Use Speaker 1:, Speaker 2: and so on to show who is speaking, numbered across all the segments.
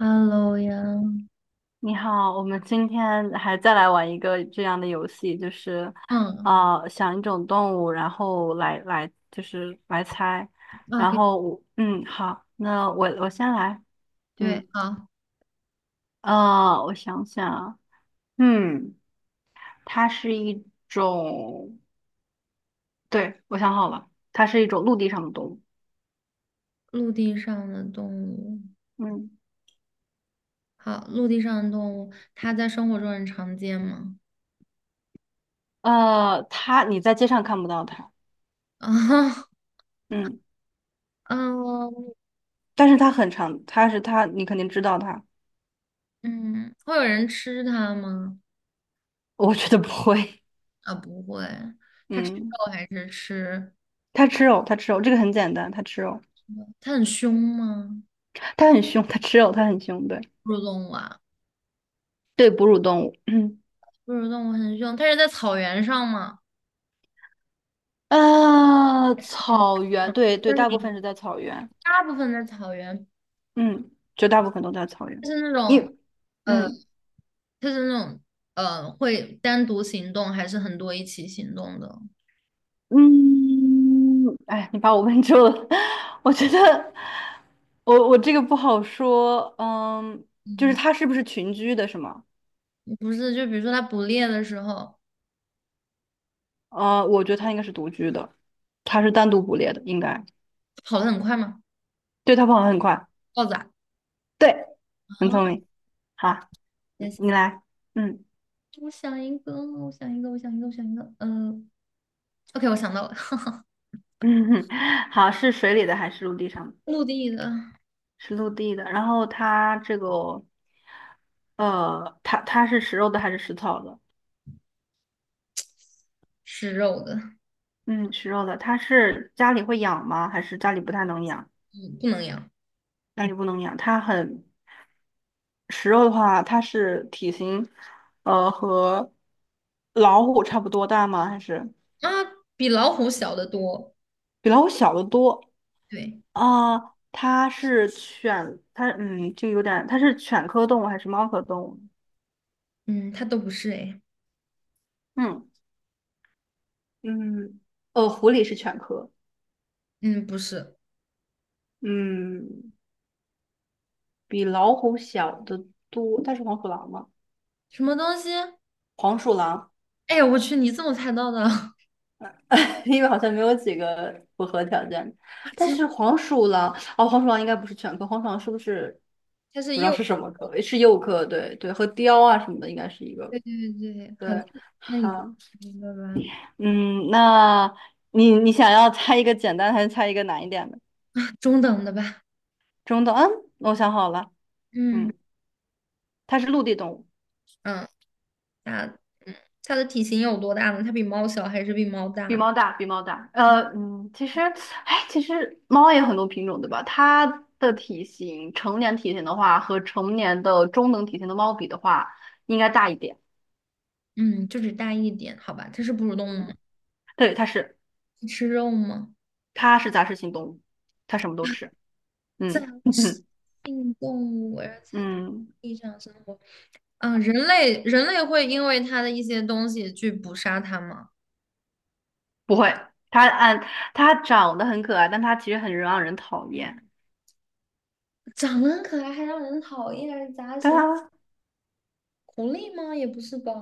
Speaker 1: Hello 呀。
Speaker 2: 你好，我们今天还再来玩一个这样的游戏，就是，
Speaker 1: 嗯
Speaker 2: 啊，想一种动物，然后来就是来猜，然
Speaker 1: 可以，
Speaker 2: 后我好，那我先来，
Speaker 1: 对，
Speaker 2: 嗯
Speaker 1: 好。
Speaker 2: 我想想啊，嗯，它是一种，对，我想好了，它是一种陆地上的动物，
Speaker 1: 陆地上的动物。
Speaker 2: 嗯
Speaker 1: 好，陆地上的动物，它在生活中很常见吗？
Speaker 2: 它你在街上看不到它，
Speaker 1: 啊，
Speaker 2: 嗯，
Speaker 1: 嗯
Speaker 2: 但是它很长，它是它，你肯定知道它，
Speaker 1: 嗯，会有人吃它吗？
Speaker 2: 我觉得不会，
Speaker 1: 啊，不会。它吃
Speaker 2: 嗯。
Speaker 1: 肉还是吃？
Speaker 2: 它吃肉，它吃肉，这个很简单，它吃肉，
Speaker 1: 它很凶吗？
Speaker 2: 它很凶，它吃肉，它很凶，对
Speaker 1: 哺乳动物啊。
Speaker 2: 对，哺乳动物，嗯，
Speaker 1: 哺乳动物很凶，它是在草原上吗？这种，
Speaker 2: 草原，
Speaker 1: 嗯，
Speaker 2: 对
Speaker 1: 就
Speaker 2: 对，
Speaker 1: 是
Speaker 2: 大部
Speaker 1: 你
Speaker 2: 分是在草原，
Speaker 1: 大部分在草原，
Speaker 2: 嗯，绝大部分都在草原，
Speaker 1: 就是那种。
Speaker 2: 因，
Speaker 1: 呃。
Speaker 2: 嗯
Speaker 1: 它是那种会单独行动，还是很多一起行动的？
Speaker 2: 嗯，哎，你把我问住了，我觉得我这个不好说，嗯，就是
Speaker 1: 嗯，
Speaker 2: 它是不是群居的，是吗？
Speaker 1: 不是，就比如说它捕猎的时候
Speaker 2: 我觉得它应该是独居的，它是单独捕猎的，应该，
Speaker 1: 跑得很快吗？
Speaker 2: 对，它跑得很快，
Speaker 1: 豹子啊。
Speaker 2: 对，很
Speaker 1: 啊，
Speaker 2: 聪明。好。
Speaker 1: 在
Speaker 2: 你
Speaker 1: 想。
Speaker 2: 来，嗯
Speaker 1: 我想一个，我想一个，我想一个，我想一个，OK，我想到了。
Speaker 2: 嗯，好，是水里的还是陆地上的？
Speaker 1: 陆地的。
Speaker 2: 是陆地的。然后它这个，它是食肉的还是食草的？
Speaker 1: 吃肉的。
Speaker 2: 嗯，食肉的。它是家里会养吗？还是家里不太能养？
Speaker 1: 嗯，不能养。
Speaker 2: 家里不能养。它很食肉的话，它是体型，和老虎差不多大吗？还是
Speaker 1: 啊，比老虎小得多。
Speaker 2: 比老虎小得多？
Speaker 1: 对。
Speaker 2: 啊、它是犬，它就有点，它是犬科动物还是猫科动物？
Speaker 1: 嗯，它都不是哎。
Speaker 2: 嗯。嗯，狐狸是犬科，
Speaker 1: 嗯，不是。
Speaker 2: 嗯，比老虎小的多，但是黄鼠狼嘛，
Speaker 1: 什么东西？
Speaker 2: 黄鼠狼，
Speaker 1: 哎呀，我去，你怎么猜到的？
Speaker 2: 因为好像没有几个符合条件
Speaker 1: 它
Speaker 2: 但
Speaker 1: 是
Speaker 2: 是黄鼠狼，哦，黄鼠狼应该不是犬科，黄鼠狼是不是
Speaker 1: 它是
Speaker 2: 不知道
Speaker 1: 鼬。
Speaker 2: 是什么科？是鼬科，对对，和雕啊什么的应该是一个，
Speaker 1: 对对对，好的。
Speaker 2: 对，
Speaker 1: 那你就
Speaker 2: 好，
Speaker 1: 选一个吧。
Speaker 2: 嗯，那你想要猜一个简单还是猜一个难一点的？
Speaker 1: 啊，中等的吧。
Speaker 2: 中等，我想好了，
Speaker 1: 嗯
Speaker 2: 嗯，它是陆地动物。
Speaker 1: 嗯，它嗯它的体型有多大呢？它比猫小还是比猫
Speaker 2: 比
Speaker 1: 大？
Speaker 2: 猫大，比猫大。哎，其实猫也有很多品种，对吧？它的体型，成年体型的话，和成年的中等体型的猫比的话，应该大一点。
Speaker 1: 嗯，就只大一点，好吧。它是哺乳动物
Speaker 2: 嗯，
Speaker 1: 吗？
Speaker 2: 对，它是，
Speaker 1: 吃肉吗？
Speaker 2: 它是杂食性动物，它什么都吃。
Speaker 1: 杂
Speaker 2: 嗯
Speaker 1: 食 性动物，而且
Speaker 2: 嗯，
Speaker 1: 地上生活。啊，人类会因为它的一些东西去捕杀它吗？
Speaker 2: 不会，它按它长得很可爱，但它其实很让人讨厌。
Speaker 1: 长得很可爱还让人讨厌，而杂
Speaker 2: 对
Speaker 1: 食
Speaker 2: 啊，
Speaker 1: 狐狸吗？也不是吧。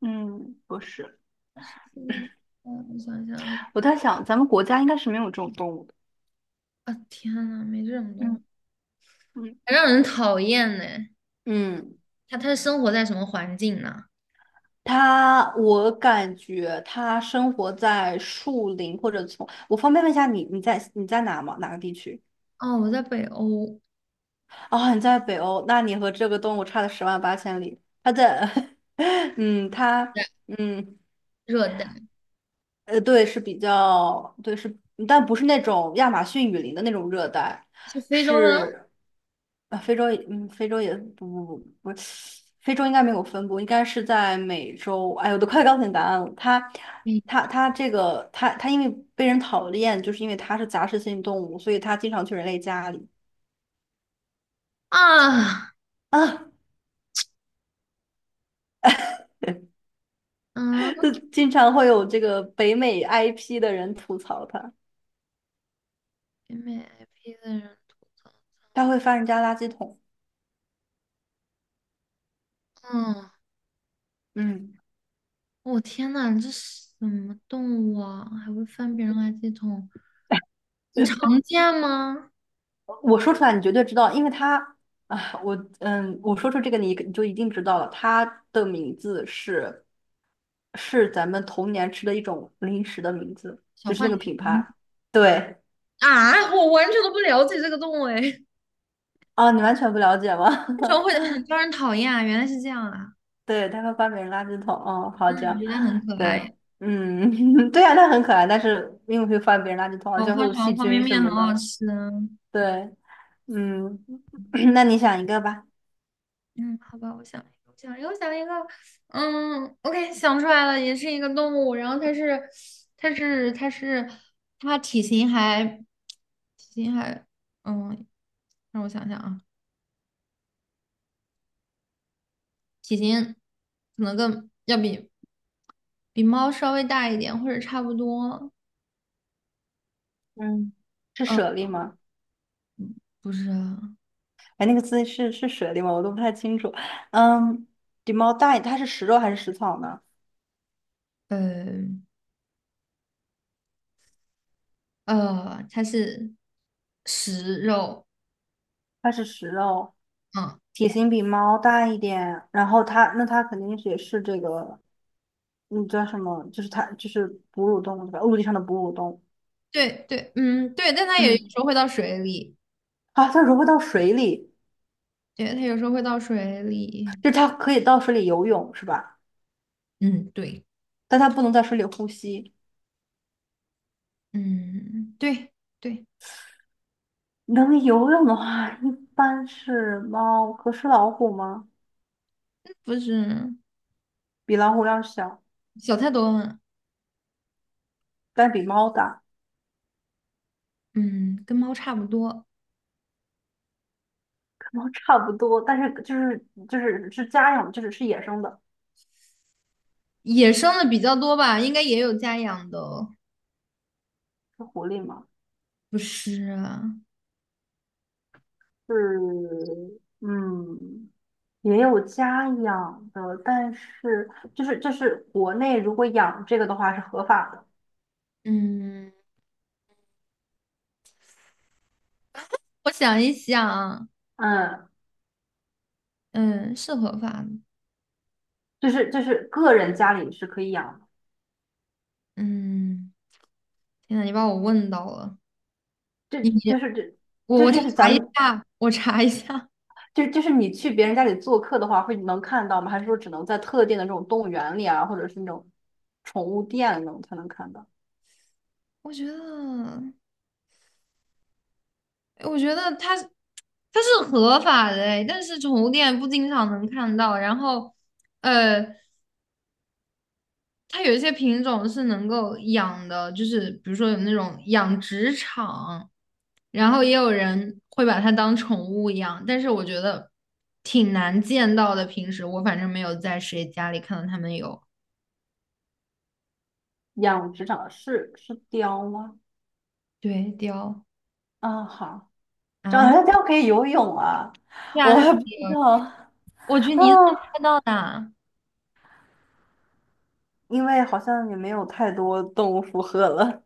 Speaker 2: 嗯，不是。
Speaker 1: 杂食性。嗯，我想想啊。
Speaker 2: 我在想，咱们国家应该是没有这种动物的。
Speaker 1: 啊，天呐，没这种东西，
Speaker 2: 嗯嗯
Speaker 1: 还让人讨厌呢。
Speaker 2: 嗯。
Speaker 1: 它是生活在什么环境呢？
Speaker 2: 我感觉他生活在树林或者丛。我方便问一下你，你在哪吗？哪个地区？
Speaker 1: 哦，我在北欧。
Speaker 2: 哦，你在北欧，那你和这个动物差了十万八千里。他在，嗯，他，
Speaker 1: 对。
Speaker 2: 嗯。
Speaker 1: 热带。
Speaker 2: 对，是比较，对，是，但不是那种亚马逊雨林的那种热带，
Speaker 1: 是非洲的。
Speaker 2: 是，啊，非洲也不不不不，非洲应该没有分布，应该是在美洲。哎，我都快告诉你答案了，它，
Speaker 1: 嗯。
Speaker 2: 它这个，它因为被人讨厌，就是因为它是杂食性动物，所以它经常去人类家里
Speaker 1: 啊，
Speaker 2: 啊，就
Speaker 1: 嗯，
Speaker 2: 经常会有这个北美 IP 的人吐槽它，
Speaker 1: 北美 IP 的人吐槽。
Speaker 2: 它会翻人家垃圾桶。
Speaker 1: 嗯，
Speaker 2: 嗯。
Speaker 1: 我、天呐，这是什么动物啊？还会翻别人垃圾桶。很常见吗？
Speaker 2: 我说出来你绝对知道，因为他啊，我我说出这个你就一定知道了，它的名字是咱们童年吃的一种零食的名字，
Speaker 1: 小
Speaker 2: 就是那个
Speaker 1: 浣
Speaker 2: 品
Speaker 1: 熊。
Speaker 2: 牌。对，
Speaker 1: 啊，我完全都不了解这个动物哎。为
Speaker 2: 啊，你完全不了解吗？
Speaker 1: 什么会 很招人讨厌啊？原来是这样啊。
Speaker 2: 对，他会翻别人垃圾桶。哦，
Speaker 1: 嗯，
Speaker 2: 好这
Speaker 1: 我
Speaker 2: 样，
Speaker 1: 觉得很可爱。
Speaker 2: 对，嗯，对呀，它很可爱，但是因为会翻别人垃圾桶，而
Speaker 1: 我
Speaker 2: 且会
Speaker 1: 换
Speaker 2: 有细
Speaker 1: 成方便
Speaker 2: 菌什
Speaker 1: 面很
Speaker 2: 么
Speaker 1: 好
Speaker 2: 的。
Speaker 1: 吃。
Speaker 2: 对，嗯，那你想一个吧。
Speaker 1: 嗯，好吧，我想一个，我想一个，我想一个。嗯，OK，想出来了，也是一个动物。然后它是，它是，它是，它体型还，体型还，嗯，让我想想啊，体型可能更要比比猫稍微大一点，或者差不多。
Speaker 2: 嗯，是
Speaker 1: 呃，
Speaker 2: 舍利吗？
Speaker 1: 不是啊。
Speaker 2: 哎，那个字是水里吗？我都不太清楚。嗯，比猫大一它是食肉还是食草呢？
Speaker 1: 呃呃，它是食肉。
Speaker 2: 它是食肉，
Speaker 1: 嗯。
Speaker 2: 体型比猫大一点，然后它那它肯定是也是这个，嗯，叫什么？就是它就是哺乳动物对吧？陆地上的哺乳动物。
Speaker 1: 对对，嗯，对，但它也有时
Speaker 2: 嗯，
Speaker 1: 候会到水里。
Speaker 2: 啊，它融会到水里，
Speaker 1: 对，它有时候会到水里。
Speaker 2: 就是它可以到水里游泳是吧？
Speaker 1: 嗯，对。
Speaker 2: 但它不能在水里呼吸。
Speaker 1: 嗯，对对。
Speaker 2: 能游泳的话，一般是猫，可是老虎吗？
Speaker 1: 不是。
Speaker 2: 比老虎要小，
Speaker 1: 小太多了。
Speaker 2: 但比猫大。
Speaker 1: 嗯，跟猫差不多。
Speaker 2: 然后差不多，但是就是是家养，就是是野生的，
Speaker 1: 野生的比较多吧，应该也有家养的哦。
Speaker 2: 是狐狸吗？
Speaker 1: 不是啊。
Speaker 2: 是，嗯，也有家养的，但是就是国内如果养这个的话是合法的，
Speaker 1: 嗯，我想一想。
Speaker 2: 嗯，
Speaker 1: 嗯，是合法的。
Speaker 2: 就是个人家里是可以养的，
Speaker 1: 嗯，天呐，你把我问到了。
Speaker 2: 这
Speaker 1: 你
Speaker 2: 就是
Speaker 1: 我
Speaker 2: 这
Speaker 1: 我
Speaker 2: 就
Speaker 1: 查
Speaker 2: 就是咱
Speaker 1: 一
Speaker 2: 们
Speaker 1: 下，我查一下。
Speaker 2: 就是你去别人家里做客的话会能看到吗？还是说只能在特定的这种动物园里啊，或者是那种宠物店那种才能看到？
Speaker 1: 我觉得。我觉得它它是合法的诶，但是宠物店不经常能看到。然后，呃，它有一些品种是能够养的，就是比如说有那种养殖场，然后也有人会把它当宠物养。但是我觉得挺难见到的，平时我反正没有在谁家里看到他们有。
Speaker 2: 养殖场是雕吗？
Speaker 1: 对，雕。
Speaker 2: 啊，好，长
Speaker 1: 啊，
Speaker 2: 辣椒可以游泳啊，
Speaker 1: 对啊，
Speaker 2: 我
Speaker 1: 它可
Speaker 2: 还不
Speaker 1: 以
Speaker 2: 知
Speaker 1: 有。
Speaker 2: 道
Speaker 1: 我得
Speaker 2: 啊，
Speaker 1: 你怎么猜到的啊？
Speaker 2: 因为好像也没有太多动物符合了。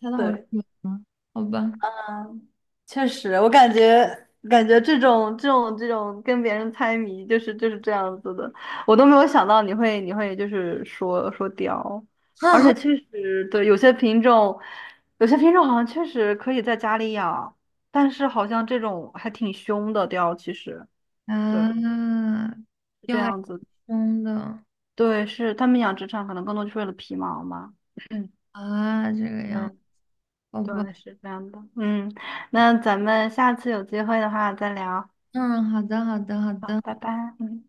Speaker 1: 猜 到好准
Speaker 2: 对，
Speaker 1: 吗？好吧。
Speaker 2: 嗯，确实，我感觉这种跟别人猜谜，就是这样子的，我都没有想到你会就是说说雕，而且 确实对有些品种，好像确实可以在家里养，但是好像这种还挺凶的雕，其实对，
Speaker 1: 啊，
Speaker 2: 是这
Speaker 1: 要还
Speaker 2: 样子。
Speaker 1: 挺凶的。
Speaker 2: 对，是他们养殖场可能更多就是为了皮毛嘛。嗯，
Speaker 1: 啊，这个样，
Speaker 2: 嗯，
Speaker 1: 好吧。
Speaker 2: 对，是这样的。嗯，那咱们下次有机会的话再聊。
Speaker 1: 嗯，好的，好的，好
Speaker 2: 好，
Speaker 1: 的。
Speaker 2: 拜拜。嗯。